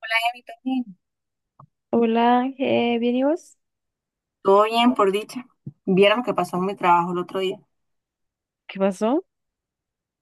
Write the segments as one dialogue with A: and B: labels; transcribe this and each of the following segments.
A: Hola, Emi, ¿todo bien?
B: Hola, ¿bien y vos?
A: Todo bien, por dicha. Vieron lo que pasó en mi trabajo el otro día.
B: ¿Qué pasó?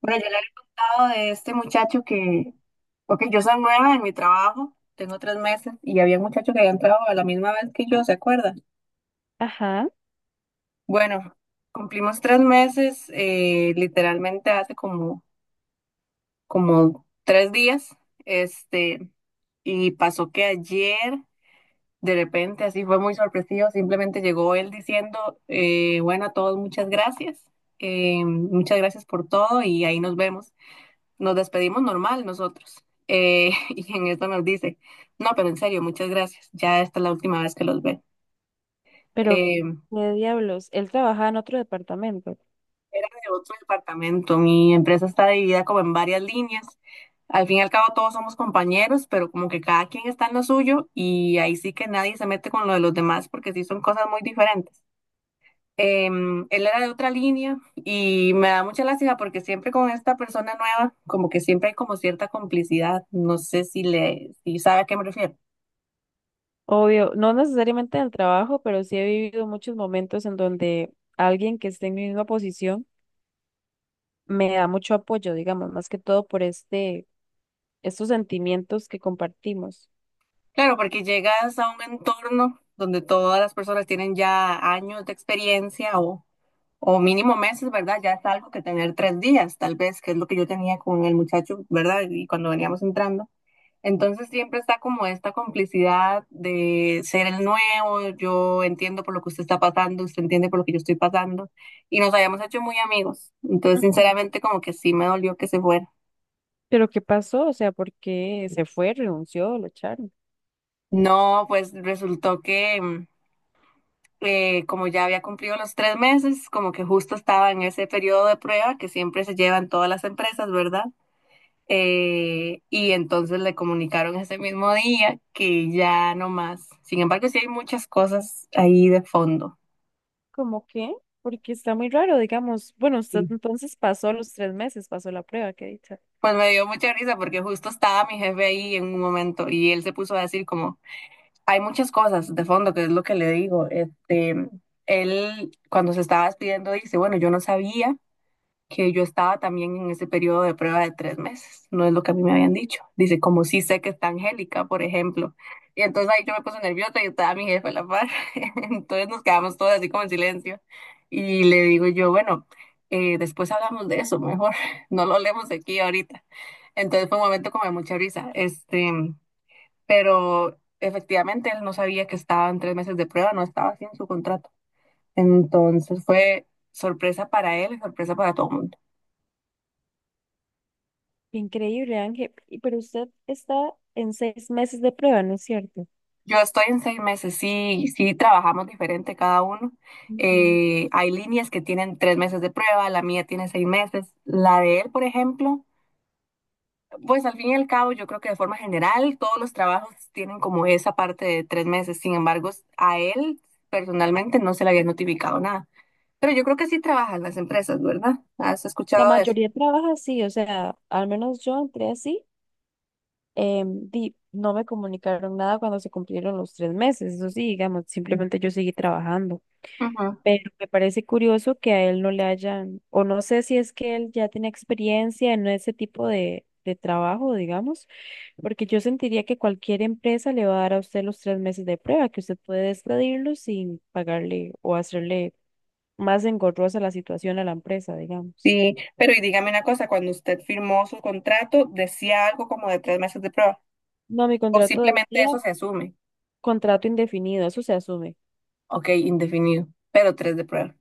A: Bueno, yo le había contado de este muchacho que, ok, yo soy nueva en mi trabajo, tengo tres meses y había un muchacho que había entrado a la misma vez que yo, ¿se acuerdan?
B: Ajá,
A: Bueno, cumplimos tres meses, literalmente hace como, como tres días, este, y pasó que ayer. De repente, así fue muy sorpresivo, simplemente llegó él diciendo, bueno, a todos muchas gracias por todo y ahí nos vemos. Nos despedimos normal nosotros. Y en esto nos dice, no, pero en serio, muchas gracias, ya esta es la última vez que los ve.
B: pero
A: Eh,
B: qué diablos, él trabajaba en otro departamento.
A: Era de otro departamento, mi empresa está dividida como en varias líneas. Al fin y al cabo todos somos compañeros, pero como que cada quien está en lo suyo y ahí sí que nadie se mete con lo de los demás porque sí son cosas muy diferentes. Él era de otra línea y me da mucha lástima porque siempre con esta persona nueva, como que siempre hay como cierta complicidad. No sé si sabe a qué me refiero.
B: Obvio, no necesariamente en el trabajo, pero sí he vivido muchos momentos en donde alguien que esté en mi misma posición me da mucho apoyo, digamos, más que todo por estos sentimientos que compartimos.
A: Claro, porque llegas a un entorno donde todas las personas tienen ya años de experiencia o mínimo meses, ¿verdad? Ya es algo que tener tres días, tal vez, que es lo que yo tenía con el muchacho, ¿verdad? Y cuando veníamos entrando. Entonces siempre está como esta complicidad de ser el nuevo, yo entiendo por lo que usted está pasando, usted entiende por lo que yo estoy pasando, y nos habíamos hecho muy amigos. Entonces,
B: Ujú.
A: sinceramente, como que sí me dolió que se fuera.
B: Pero ¿qué pasó? O sea, ¿por qué se fue, renunció, lo echaron?
A: No, pues resultó que como ya había cumplido los tres meses, como que justo estaba en ese periodo de prueba que siempre se llevan todas las empresas, ¿verdad? Y entonces le comunicaron ese mismo día que ya no más. Sin embargo, sí hay muchas cosas ahí de fondo.
B: ¿Cómo qué? Porque está muy raro, digamos. Bueno, usted
A: Sí.
B: entonces pasó los 3 meses, pasó la prueba, qué dicha.
A: Pues me dio mucha risa porque justo estaba mi jefe ahí en un momento y él se puso a decir como, hay muchas cosas de fondo, que es lo que le digo. Él cuando se estaba despidiendo dice, bueno, yo no sabía que yo estaba también en ese periodo de prueba de tres meses, no es lo que a mí me habían dicho. Dice, como sí sé que está Angélica, por ejemplo. Y entonces ahí yo me puse nerviosa y estaba mi jefe a la par. Entonces nos quedamos todos así como en silencio. Y le digo yo, bueno, después hablamos de eso, mejor no lo hablemos aquí ahorita. Entonces fue un momento como de mucha risa. Pero efectivamente él no sabía que estaba en tres meses de prueba, no estaba así en su contrato. Entonces fue sorpresa para él y sorpresa para todo el mundo.
B: Increíble, Ángel. Y... pero usted está en 6 meses de prueba, ¿no es cierto?
A: Yo estoy en seis meses, sí, sí trabajamos diferente cada uno.
B: Ujú.
A: Hay líneas que tienen tres meses de prueba, la mía tiene seis meses. La de él, por ejemplo, pues al fin y al cabo yo creo que de forma general todos los trabajos tienen como esa parte de tres meses. Sin embargo, a él personalmente no se le había notificado nada. Pero yo creo que sí trabajan las empresas, ¿verdad? ¿Has escuchado
B: La
A: de eso?
B: mayoría trabaja así, o sea, al menos yo entré así. No me comunicaron nada cuando se cumplieron los 3 meses, eso sí, digamos, simplemente yo seguí trabajando.
A: Ujú.
B: Pero me parece curioso que a él no le hayan, o no sé si es que él ya tiene experiencia en ese tipo de trabajo, digamos, porque yo sentiría que cualquier empresa le va a dar a usted los 3 meses de prueba, que usted puede despedirlo sin pagarle o hacerle más engorrosa la situación a la empresa, digamos.
A: Sí, pero y dígame una cosa, cuando usted firmó su contrato, ¿decía algo como de tres meses de prueba?
B: No, mi
A: ¿O
B: contrato
A: simplemente
B: decía
A: eso se asume?
B: contrato indefinido, eso se asume.
A: Ok, indefinido, pero tres de prueba.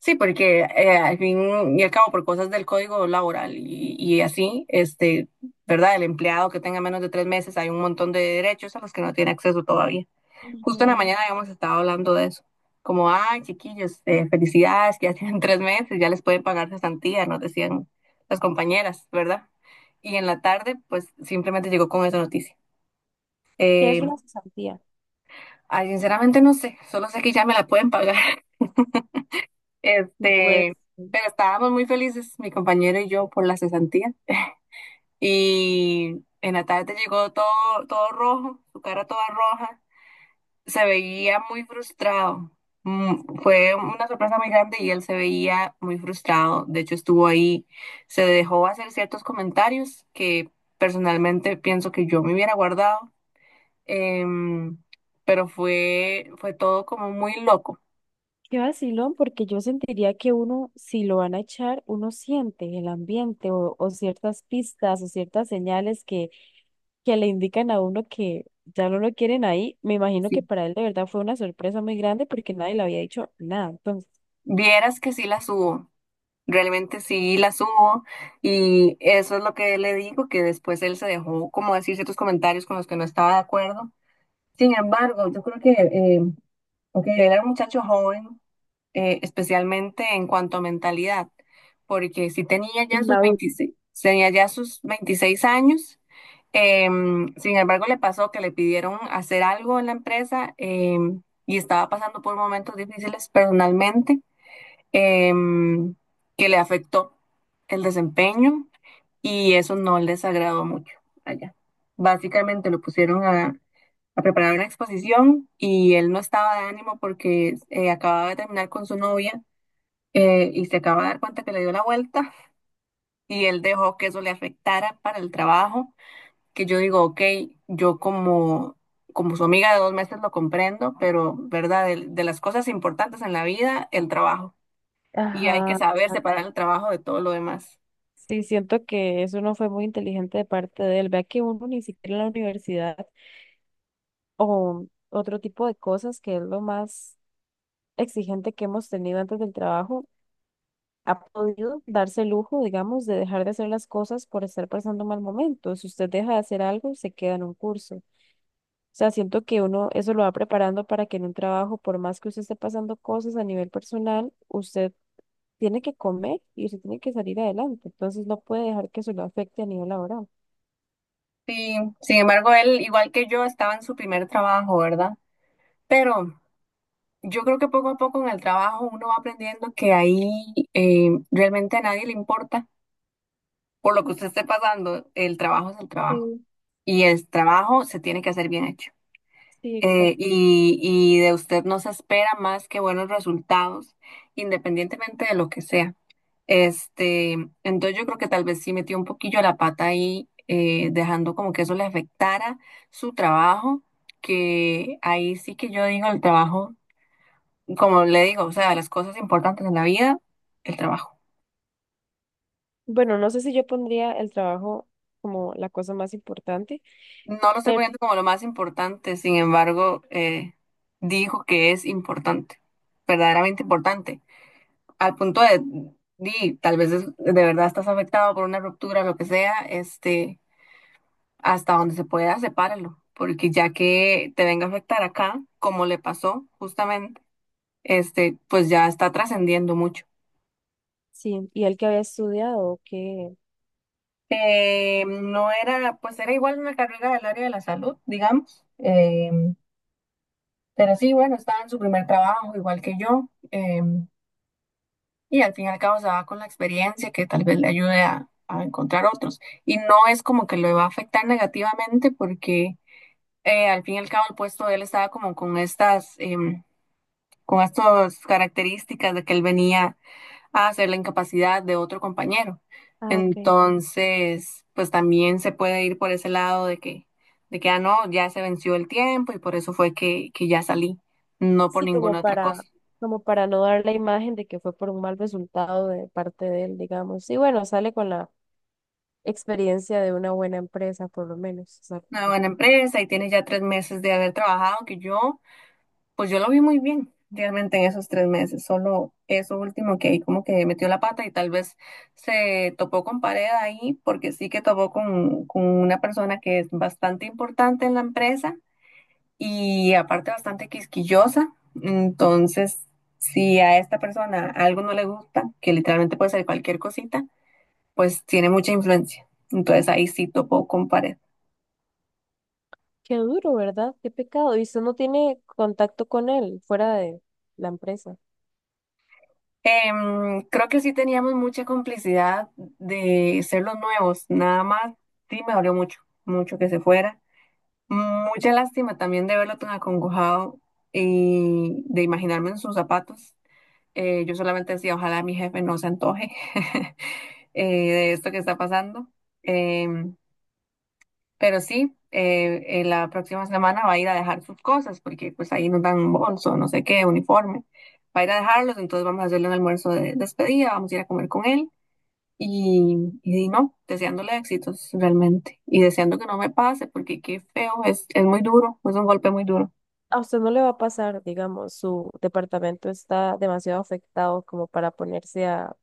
A: Sí, porque al fin y al cabo, por cosas del código laboral y así, ¿verdad? El empleado que tenga menos de tres meses, hay un montón de derechos a los que no tiene acceso todavía. Justo en la
B: Ujú.
A: mañana habíamos estado hablando de eso. Como, ay, chiquillos, felicidades, que ya tienen tres meses, ya les pueden pagar cesantía, nos decían las compañeras, ¿verdad? Y en la tarde, pues simplemente llegó con esa noticia.
B: Que
A: Eh,
B: es una cesantía?
A: Ay, sinceramente no sé, solo sé que ya me la pueden pagar.
B: No puede
A: Este,
B: ser.
A: pero estábamos muy felices, mi compañero y yo, por la cesantía. Y en la tarde llegó todo, todo rojo, su cara toda roja. Se veía muy frustrado. Fue una sorpresa muy grande y él se veía muy frustrado. De hecho, estuvo ahí, se dejó hacer ciertos comentarios que personalmente pienso que yo me hubiera guardado. Em, pero fue todo como muy loco.
B: Qué vacilón, porque yo sentiría que uno, si lo van a echar, uno siente el ambiente o ciertas pistas o ciertas señales que le indican a uno que ya no lo quieren ahí. Me imagino que
A: Sí.
B: para él de verdad fue una sorpresa muy grande porque nadie le había dicho nada. Entonces,
A: Vieras que sí la subo. Realmente sí la subo y eso es lo que le digo, que después él se dejó como decir ciertos comentarios con los que no estaba de acuerdo. Sin embargo, yo creo que, ok, él era un muchacho joven, especialmente en cuanto a mentalidad, porque si tenía ya sus
B: inmaduro.
A: 26, tenía ya sus 26 años, sin embargo le pasó que le pidieron hacer algo en la empresa y estaba pasando por momentos difíciles personalmente em, que le afectó el desempeño y eso no les agradó mucho allá. Básicamente lo pusieron a preparar una exposición y él no estaba de ánimo porque acababa de terminar con su novia y se acaba de dar cuenta que le dio la vuelta y él dejó que eso le afectara para el trabajo, que yo digo, ok, yo como... Como su amiga de dos meses lo comprendo, pero, ¿verdad? de las cosas importantes en la vida, el trabajo y hay que
B: Ajá,
A: saber
B: exacto.
A: separar el trabajo de todo lo demás.
B: Sí, siento que eso no fue muy inteligente de parte de él. Vea que uno ni siquiera en la universidad o otro tipo de cosas que es lo más exigente que hemos tenido antes del trabajo ha podido darse el lujo, digamos, de dejar de hacer las cosas por estar pasando un mal momento. Si usted deja de hacer algo, se queda en un curso. O sea, siento que uno eso lo va preparando para que en un trabajo, por más que usted esté pasando cosas a nivel personal, usted tiene que comer y usted tiene que salir adelante. Entonces no puede dejar que eso lo afecte a nivel laboral.
A: Sí, sin embargo, él, igual que yo, estaba en su primer trabajo, ¿verdad? Pero yo creo que poco a poco en el trabajo uno va aprendiendo que ahí realmente a nadie le importa por lo que usted esté pasando, el trabajo es el trabajo
B: Sí.
A: y el trabajo se tiene que hacer bien hecho.
B: Sí, exacto.
A: Y, y de usted no se espera más que buenos resultados, independientemente de lo que sea. Este, entonces yo creo que tal vez sí metió un poquillo la pata ahí, dejando como que eso le afectara su trabajo, que ahí sí que yo digo el trabajo, como le digo, o sea, las cosas importantes en la vida, el trabajo.
B: Bueno, no sé si yo pondría el trabajo como la cosa más importante,
A: No lo estoy
B: pero
A: poniendo como lo más importante, sin embargo, dijo que es importante, verdaderamente importante. Al punto de, di, tal vez de verdad estás afectado por una ruptura, lo que sea, hasta donde se pueda, sepáralo, porque ya que te venga a afectar acá, como le pasó justamente, pues ya está trascendiendo mucho.
B: sí, y el que había estudiado, que...
A: No era, pues era igual una carrera del área de la salud, digamos, pero sí, bueno, estaba en su primer trabajo, igual que yo. Y al fin y al cabo se va con la experiencia que tal vez le ayude a encontrar otros. Y no es como que le va a afectar negativamente porque al fin y al cabo el puesto de él estaba como con con estas características de que él venía a hacer la incapacidad de otro compañero.
B: Ah, ok.
A: Entonces, pues también se puede ir por ese lado de que, ah, no, ya se venció el tiempo y por eso fue que ya salí, no por
B: Sí, como
A: ninguna otra cosa.
B: para, como para no dar la imagen de que fue por un mal resultado de parte de él, digamos. Y bueno, sale con la experiencia de una buena empresa, por lo menos. O sea,
A: Una
B: que...
A: buena empresa y tienes ya tres meses de haber trabajado que yo. Pues yo lo vi muy bien realmente en esos tres meses, solo eso último que ahí como que metió la pata y tal vez se topó con pared ahí, porque sí que topó con una persona que es bastante importante en la empresa y aparte bastante quisquillosa. Entonces, si a esta persona algo no le gusta, que literalmente puede ser cualquier cosita, pues tiene mucha influencia. Entonces ahí sí topó con pared.
B: qué duro, ¿verdad? Qué pecado. Y usted no tiene contacto con él fuera de la empresa.
A: Creo que sí teníamos mucha complicidad de ser los nuevos, nada más sí me dolió mucho, mucho que se fuera. Mucha lástima también de verlo tan acongojado y de imaginarme en sus zapatos. Yo solamente decía, ojalá mi jefe no se antoje de esto que está pasando. Em, pero sí, la próxima semana va a ir a dejar sus cosas, porque pues ahí nos dan un bolso, no sé qué, uniforme. Va a ir a dejarlos, entonces vamos a hacerle un almuerzo de despedida, vamos a ir a comer con él. Y no, deseándole éxitos realmente. Y deseando que no me pase, porque qué feo, es muy duro, es un golpe muy duro.
B: A usted no le va a pasar, digamos, su departamento está demasiado afectado como para ponerse a,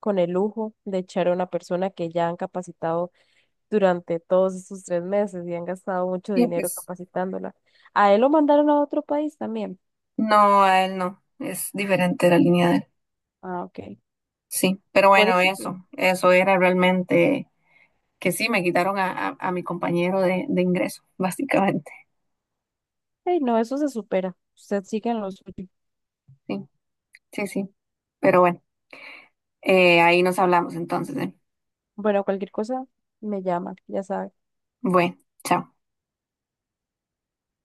B: con el lujo de echar a una persona que ya han capacitado durante todos esos 3 meses y han gastado mucho
A: Y
B: dinero
A: pues,
B: capacitándola. A él lo mandaron a otro país también.
A: no, a él no, es diferente la línea de él.
B: Ah, ok.
A: Sí, pero
B: Por
A: bueno,
B: eso, sí.
A: eso era realmente que sí, me quitaron a, a mi compañero de ingreso, básicamente.
B: Ey, no, eso se supera. Usted sigue en lo suyo.
A: Sí. Sí, sí. Pero bueno, ahí nos hablamos entonces, ¿eh?
B: Bueno, cualquier cosa me llama, ya sabe.
A: Bueno, chao.